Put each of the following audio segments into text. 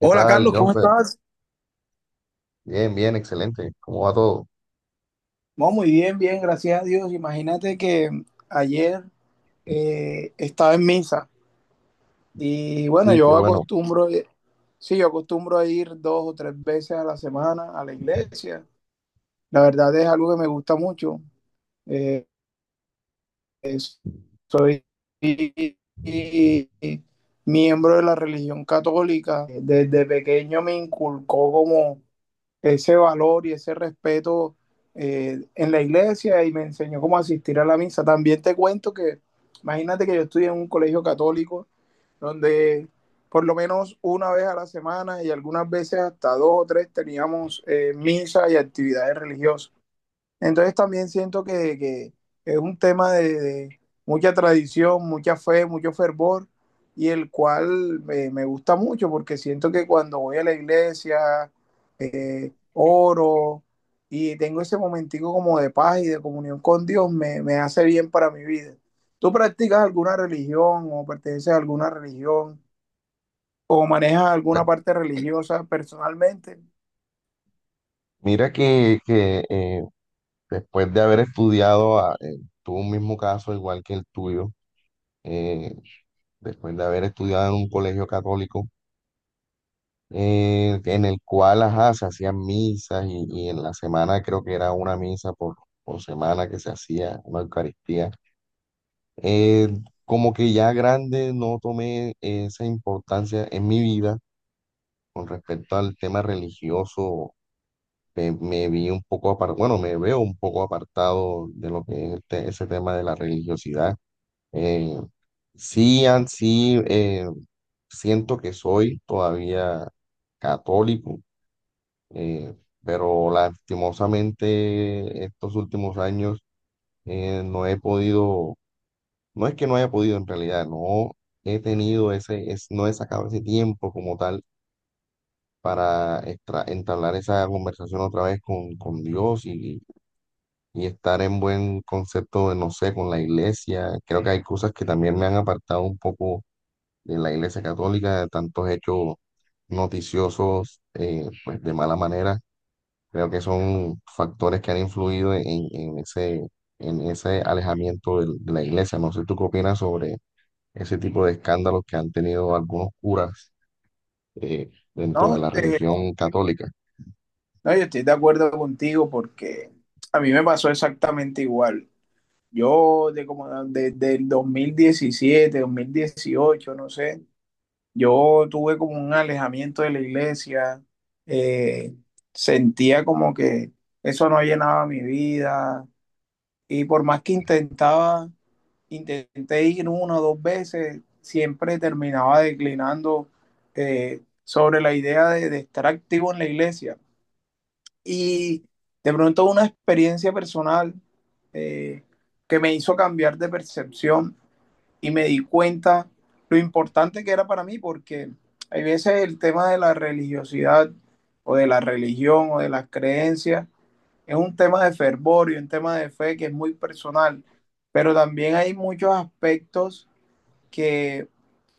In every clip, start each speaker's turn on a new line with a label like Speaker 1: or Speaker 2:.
Speaker 1: ¿Qué tal,
Speaker 2: Carlos, ¿cómo
Speaker 1: Jonfer?
Speaker 2: estás?
Speaker 1: Bien, bien, excelente. ¿Cómo va todo?
Speaker 2: No, muy bien, bien, gracias a Dios. Imagínate que ayer estaba en misa y bueno,
Speaker 1: Sí, qué
Speaker 2: yo
Speaker 1: bueno.
Speaker 2: acostumbro, sí, yo acostumbro a ir dos o tres veces a la semana a la iglesia. La verdad es algo que me gusta mucho. Eh, Soy miembro de la religión católica. Desde pequeño me inculcó como ese valor y ese respeto en la iglesia y me enseñó cómo asistir a la misa. También te cuento que, imagínate que yo estudié en un colegio católico donde por lo menos una vez a la semana y algunas veces hasta dos o tres teníamos misa y actividades religiosas. Entonces también siento que es un tema de mucha tradición, mucha fe, mucho fervor, y el cual me gusta mucho porque siento que cuando voy a la iglesia, oro y tengo ese momentico como de paz y de comunión con Dios, me hace bien para mi vida. ¿Tú practicas alguna religión o perteneces a alguna religión o manejas alguna
Speaker 1: Pues
Speaker 2: parte religiosa personalmente?
Speaker 1: mira que, después de haber estudiado tu mismo caso, igual que el tuyo, eh, después de haber estudiado en un colegio católico, en el cual, ajá, se hacían misas y en la semana creo que era una misa por semana que se hacía, una Eucaristía. eh, Como que ya grande no tomé esa importancia en mi vida con respecto al tema religioso me vi un poco apartado, bueno, me veo un poco apartado de lo que es ese tema de la religiosidad. Eh, sí, sí, siento que soy todavía católico, eh, pero lastimosamente estos últimos años no he podido, no es que no haya podido en realidad, no he tenido no he sacado ese tiempo como tal. Para entablar esa conversación otra vez con Dios y estar en buen concepto de, no sé, con la iglesia. Creo que hay cosas que también me han apartado un poco de la iglesia católica, de tantos hechos noticiosos, pues de mala manera. Creo que son factores que han influido en en ese alejamiento de la iglesia. No sé tú qué opinas sobre ese tipo de escándalos que han tenido algunos curas dentro de
Speaker 2: ¿No?
Speaker 1: la religión católica.
Speaker 2: No, yo estoy de acuerdo contigo porque a mí me pasó exactamente igual. Yo de como desde el dos mil diecisiete, 2018, no sé, yo tuve como un alejamiento de la iglesia, eh, sentía como que eso no llenaba mi vida y por más que intentaba, intenté ir una o dos veces, siempre terminaba declinando sobre la idea de estar activo en la iglesia y de pronto una experiencia personal, eh, que me hizo cambiar de percepción y me di cuenta lo importante que era para mí, porque hay veces el tema de la religiosidad o de la religión o de las creencias es un tema de fervor y un tema de fe que es muy personal, pero también hay muchos aspectos que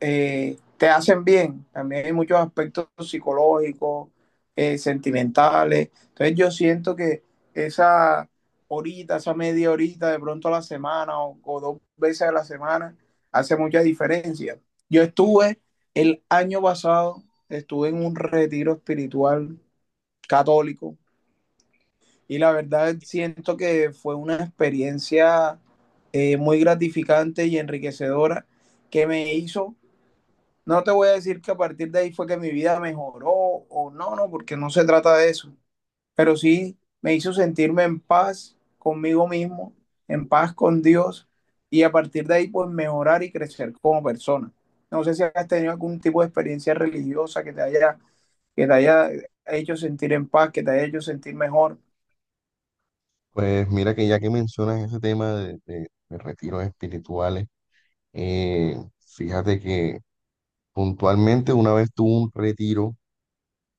Speaker 2: te hacen bien. También hay muchos aspectos psicológicos, sentimentales. Entonces yo siento que esa horita, esa media horita, de pronto a la semana o dos veces a la semana, hace mucha diferencia. Yo estuve el año pasado, estuve en un retiro espiritual católico y la verdad siento que fue una experiencia muy gratificante y enriquecedora que me hizo, no te voy a decir que a partir de ahí fue que mi vida mejoró o no, no, porque no se trata de eso. Pero sí me hizo sentirme en paz conmigo mismo, en paz con Dios y a partir de ahí pues mejorar y crecer como persona. No sé si has tenido algún tipo de experiencia religiosa que te haya hecho sentir en paz, que te haya hecho sentir mejor.
Speaker 1: Pues mira que ya que mencionas ese tema de retiros espirituales. Eh, Fíjate que puntualmente una vez tuve un retiro,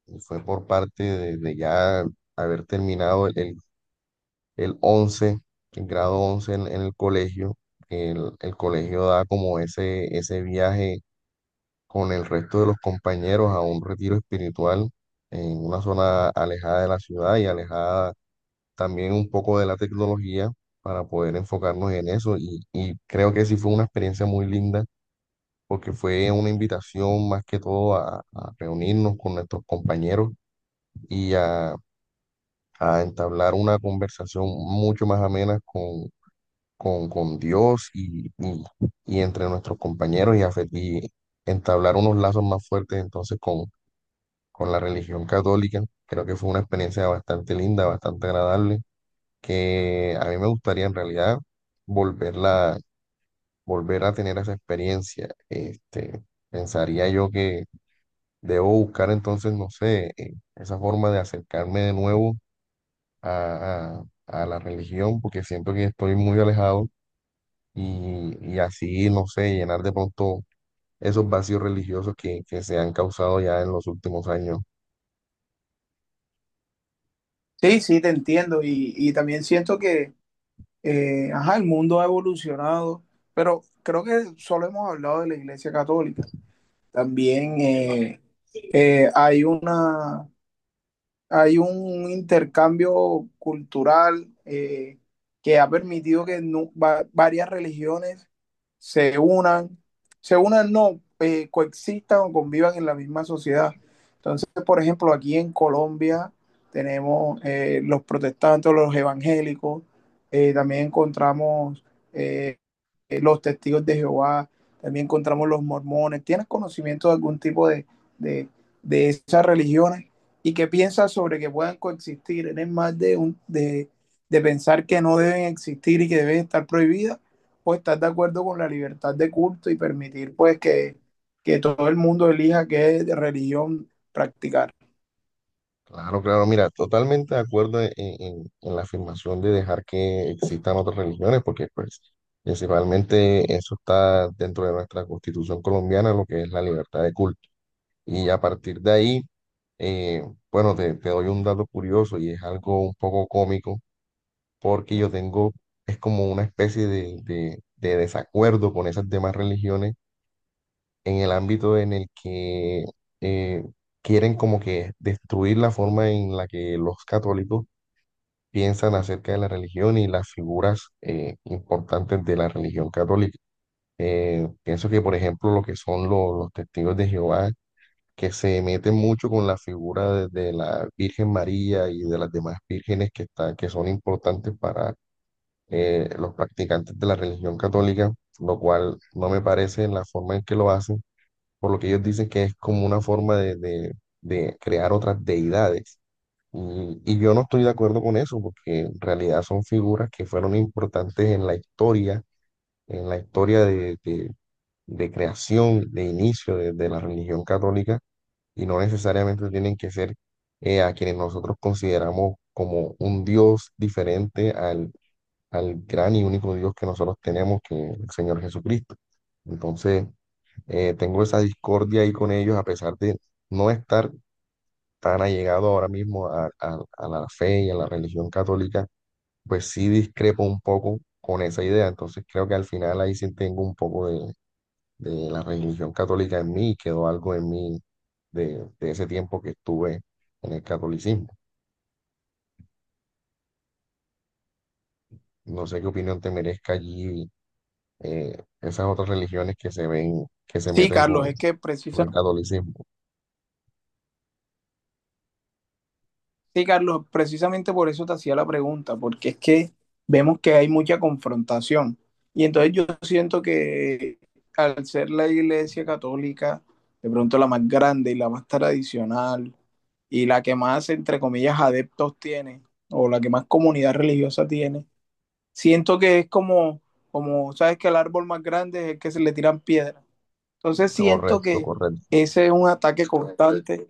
Speaker 1: y fue por parte de ya haber terminado el 11, el grado 11 en el colegio. El colegio da como ese viaje con el resto de los compañeros a un retiro espiritual en una zona alejada de la ciudad y alejada también un poco de la tecnología para poder enfocarnos en eso. Y creo que sí fue una experiencia muy linda porque fue una invitación más que todo a reunirnos con nuestros compañeros y a entablar una conversación mucho más amena con Dios y entre nuestros compañeros y entablar unos lazos más fuertes entonces con la religión católica. Creo que fue una experiencia bastante linda, bastante agradable, que a mí me gustaría en realidad volverla, volver a tener esa experiencia. Pensaría yo que debo buscar entonces, no sé, esa forma de acercarme de nuevo a, a la religión, porque siento que estoy muy alejado y así, no sé, llenar de pronto esos vacíos religiosos que se han causado ya en los últimos años.
Speaker 2: Sí, sí, te entiendo y también siento que, ajá, el mundo ha evolucionado, pero creo que solo hemos hablado de la Iglesia Católica. También hay una, hay un intercambio cultural que ha permitido que varias religiones se unan, se unan no, coexistan o convivan en la misma sociedad. Entonces, por ejemplo, aquí en Colombia tenemos los protestantes, los evangélicos, también encontramos eh, los testigos de Jehová, también encontramos los mormones. ¿Tienes conocimiento de algún tipo de, de esas religiones? ¿Y qué piensas sobre que puedan coexistir? ¿Eres más de, un, de pensar que no deben existir y que deben estar prohibidas? ¿O estás de acuerdo con la libertad de culto y permitir pues que todo el mundo elija qué religión practicar?
Speaker 1: Claro, claro, mira, totalmente de acuerdo en, en la afirmación de dejar que existan otras religiones, porque pues principalmente eso está dentro de nuestra constitución colombiana, lo que es la libertad de culto. Y a partir de ahí, eh, bueno, te doy un dato curioso y es algo un poco cómico porque yo tengo, es como una especie de desacuerdo con esas demás religiones en el ámbito en el que eh, quieren como que destruir la forma en la que los católicos piensan acerca de la religión y las figuras importantes de la religión católica. Pienso que, por ejemplo, lo que son los testigos de Jehová, que se mete mucho con la figura de la Virgen María y de las demás vírgenes que son importantes para los practicantes de la religión católica, lo cual no me parece la forma en que lo hacen, por lo que ellos dicen que es como una forma de, de crear otras deidades. Y yo no estoy de acuerdo con eso, porque en realidad son figuras que fueron importantes en la historia de, de creación, de inicio de la religión católica y no necesariamente tienen que ser a quienes nosotros consideramos como un Dios diferente al, al gran y único Dios que nosotros tenemos, que es el Señor Jesucristo. Entonces, tengo esa discordia ahí con ellos, a pesar de no estar tan allegado ahora mismo a, a la fe y a la religión católica, pues sí discrepo un poco con esa idea. Entonces, creo que al final ahí sí tengo un poco de la religión católica en mí, quedó algo en mí de ese tiempo que estuve en el catolicismo. No sé qué opinión te merezca allí esas otras religiones que se ven, que se
Speaker 2: Sí,
Speaker 1: meten
Speaker 2: Carlos, es que
Speaker 1: con el
Speaker 2: precisamente...
Speaker 1: catolicismo.
Speaker 2: Sí, Carlos, precisamente por eso te hacía la pregunta, porque es que vemos que hay mucha confrontación. Y entonces yo siento que al ser la iglesia católica, de pronto la más grande y la más tradicional, y la que más, entre comillas, adeptos tiene, o la que más comunidad religiosa tiene, siento que es como, como, sabes que el árbol más grande es el que se le tiran piedras. Entonces siento
Speaker 1: Correcto,
Speaker 2: que
Speaker 1: correcto.
Speaker 2: ese es un ataque constante,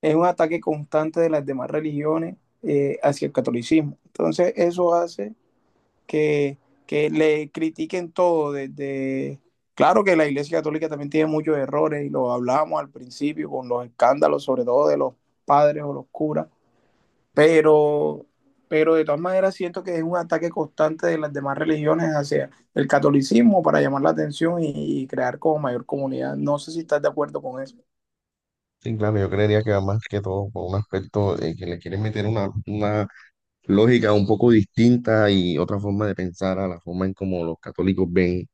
Speaker 2: es un ataque constante de las demás religiones hacia el catolicismo. Entonces eso hace que, que le critiquen todo desde... Claro que la Iglesia Católica también tiene muchos errores y lo hablamos al principio con los escándalos, sobre todo de los padres o los curas, pero, pero de todas maneras siento que es un ataque constante de las demás religiones hacia el catolicismo para llamar la atención y crear como mayor comunidad. No sé si estás de acuerdo con eso.
Speaker 1: Sí, claro, yo creería que va más que todo por un aspecto de que le quieren meter una lógica un poco distinta y otra forma de pensar a la forma en como los católicos ven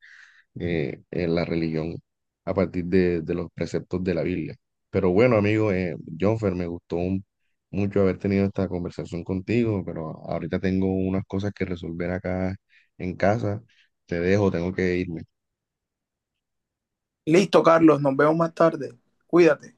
Speaker 1: en la religión a partir de los preceptos de la Biblia. Pero bueno, amigo, Jonfer, me gustó mucho haber tenido esta conversación contigo, pero ahorita tengo unas cosas que resolver acá en casa. Te dejo, tengo que irme.
Speaker 2: Listo, Carlos, nos vemos más tarde. Cuídate.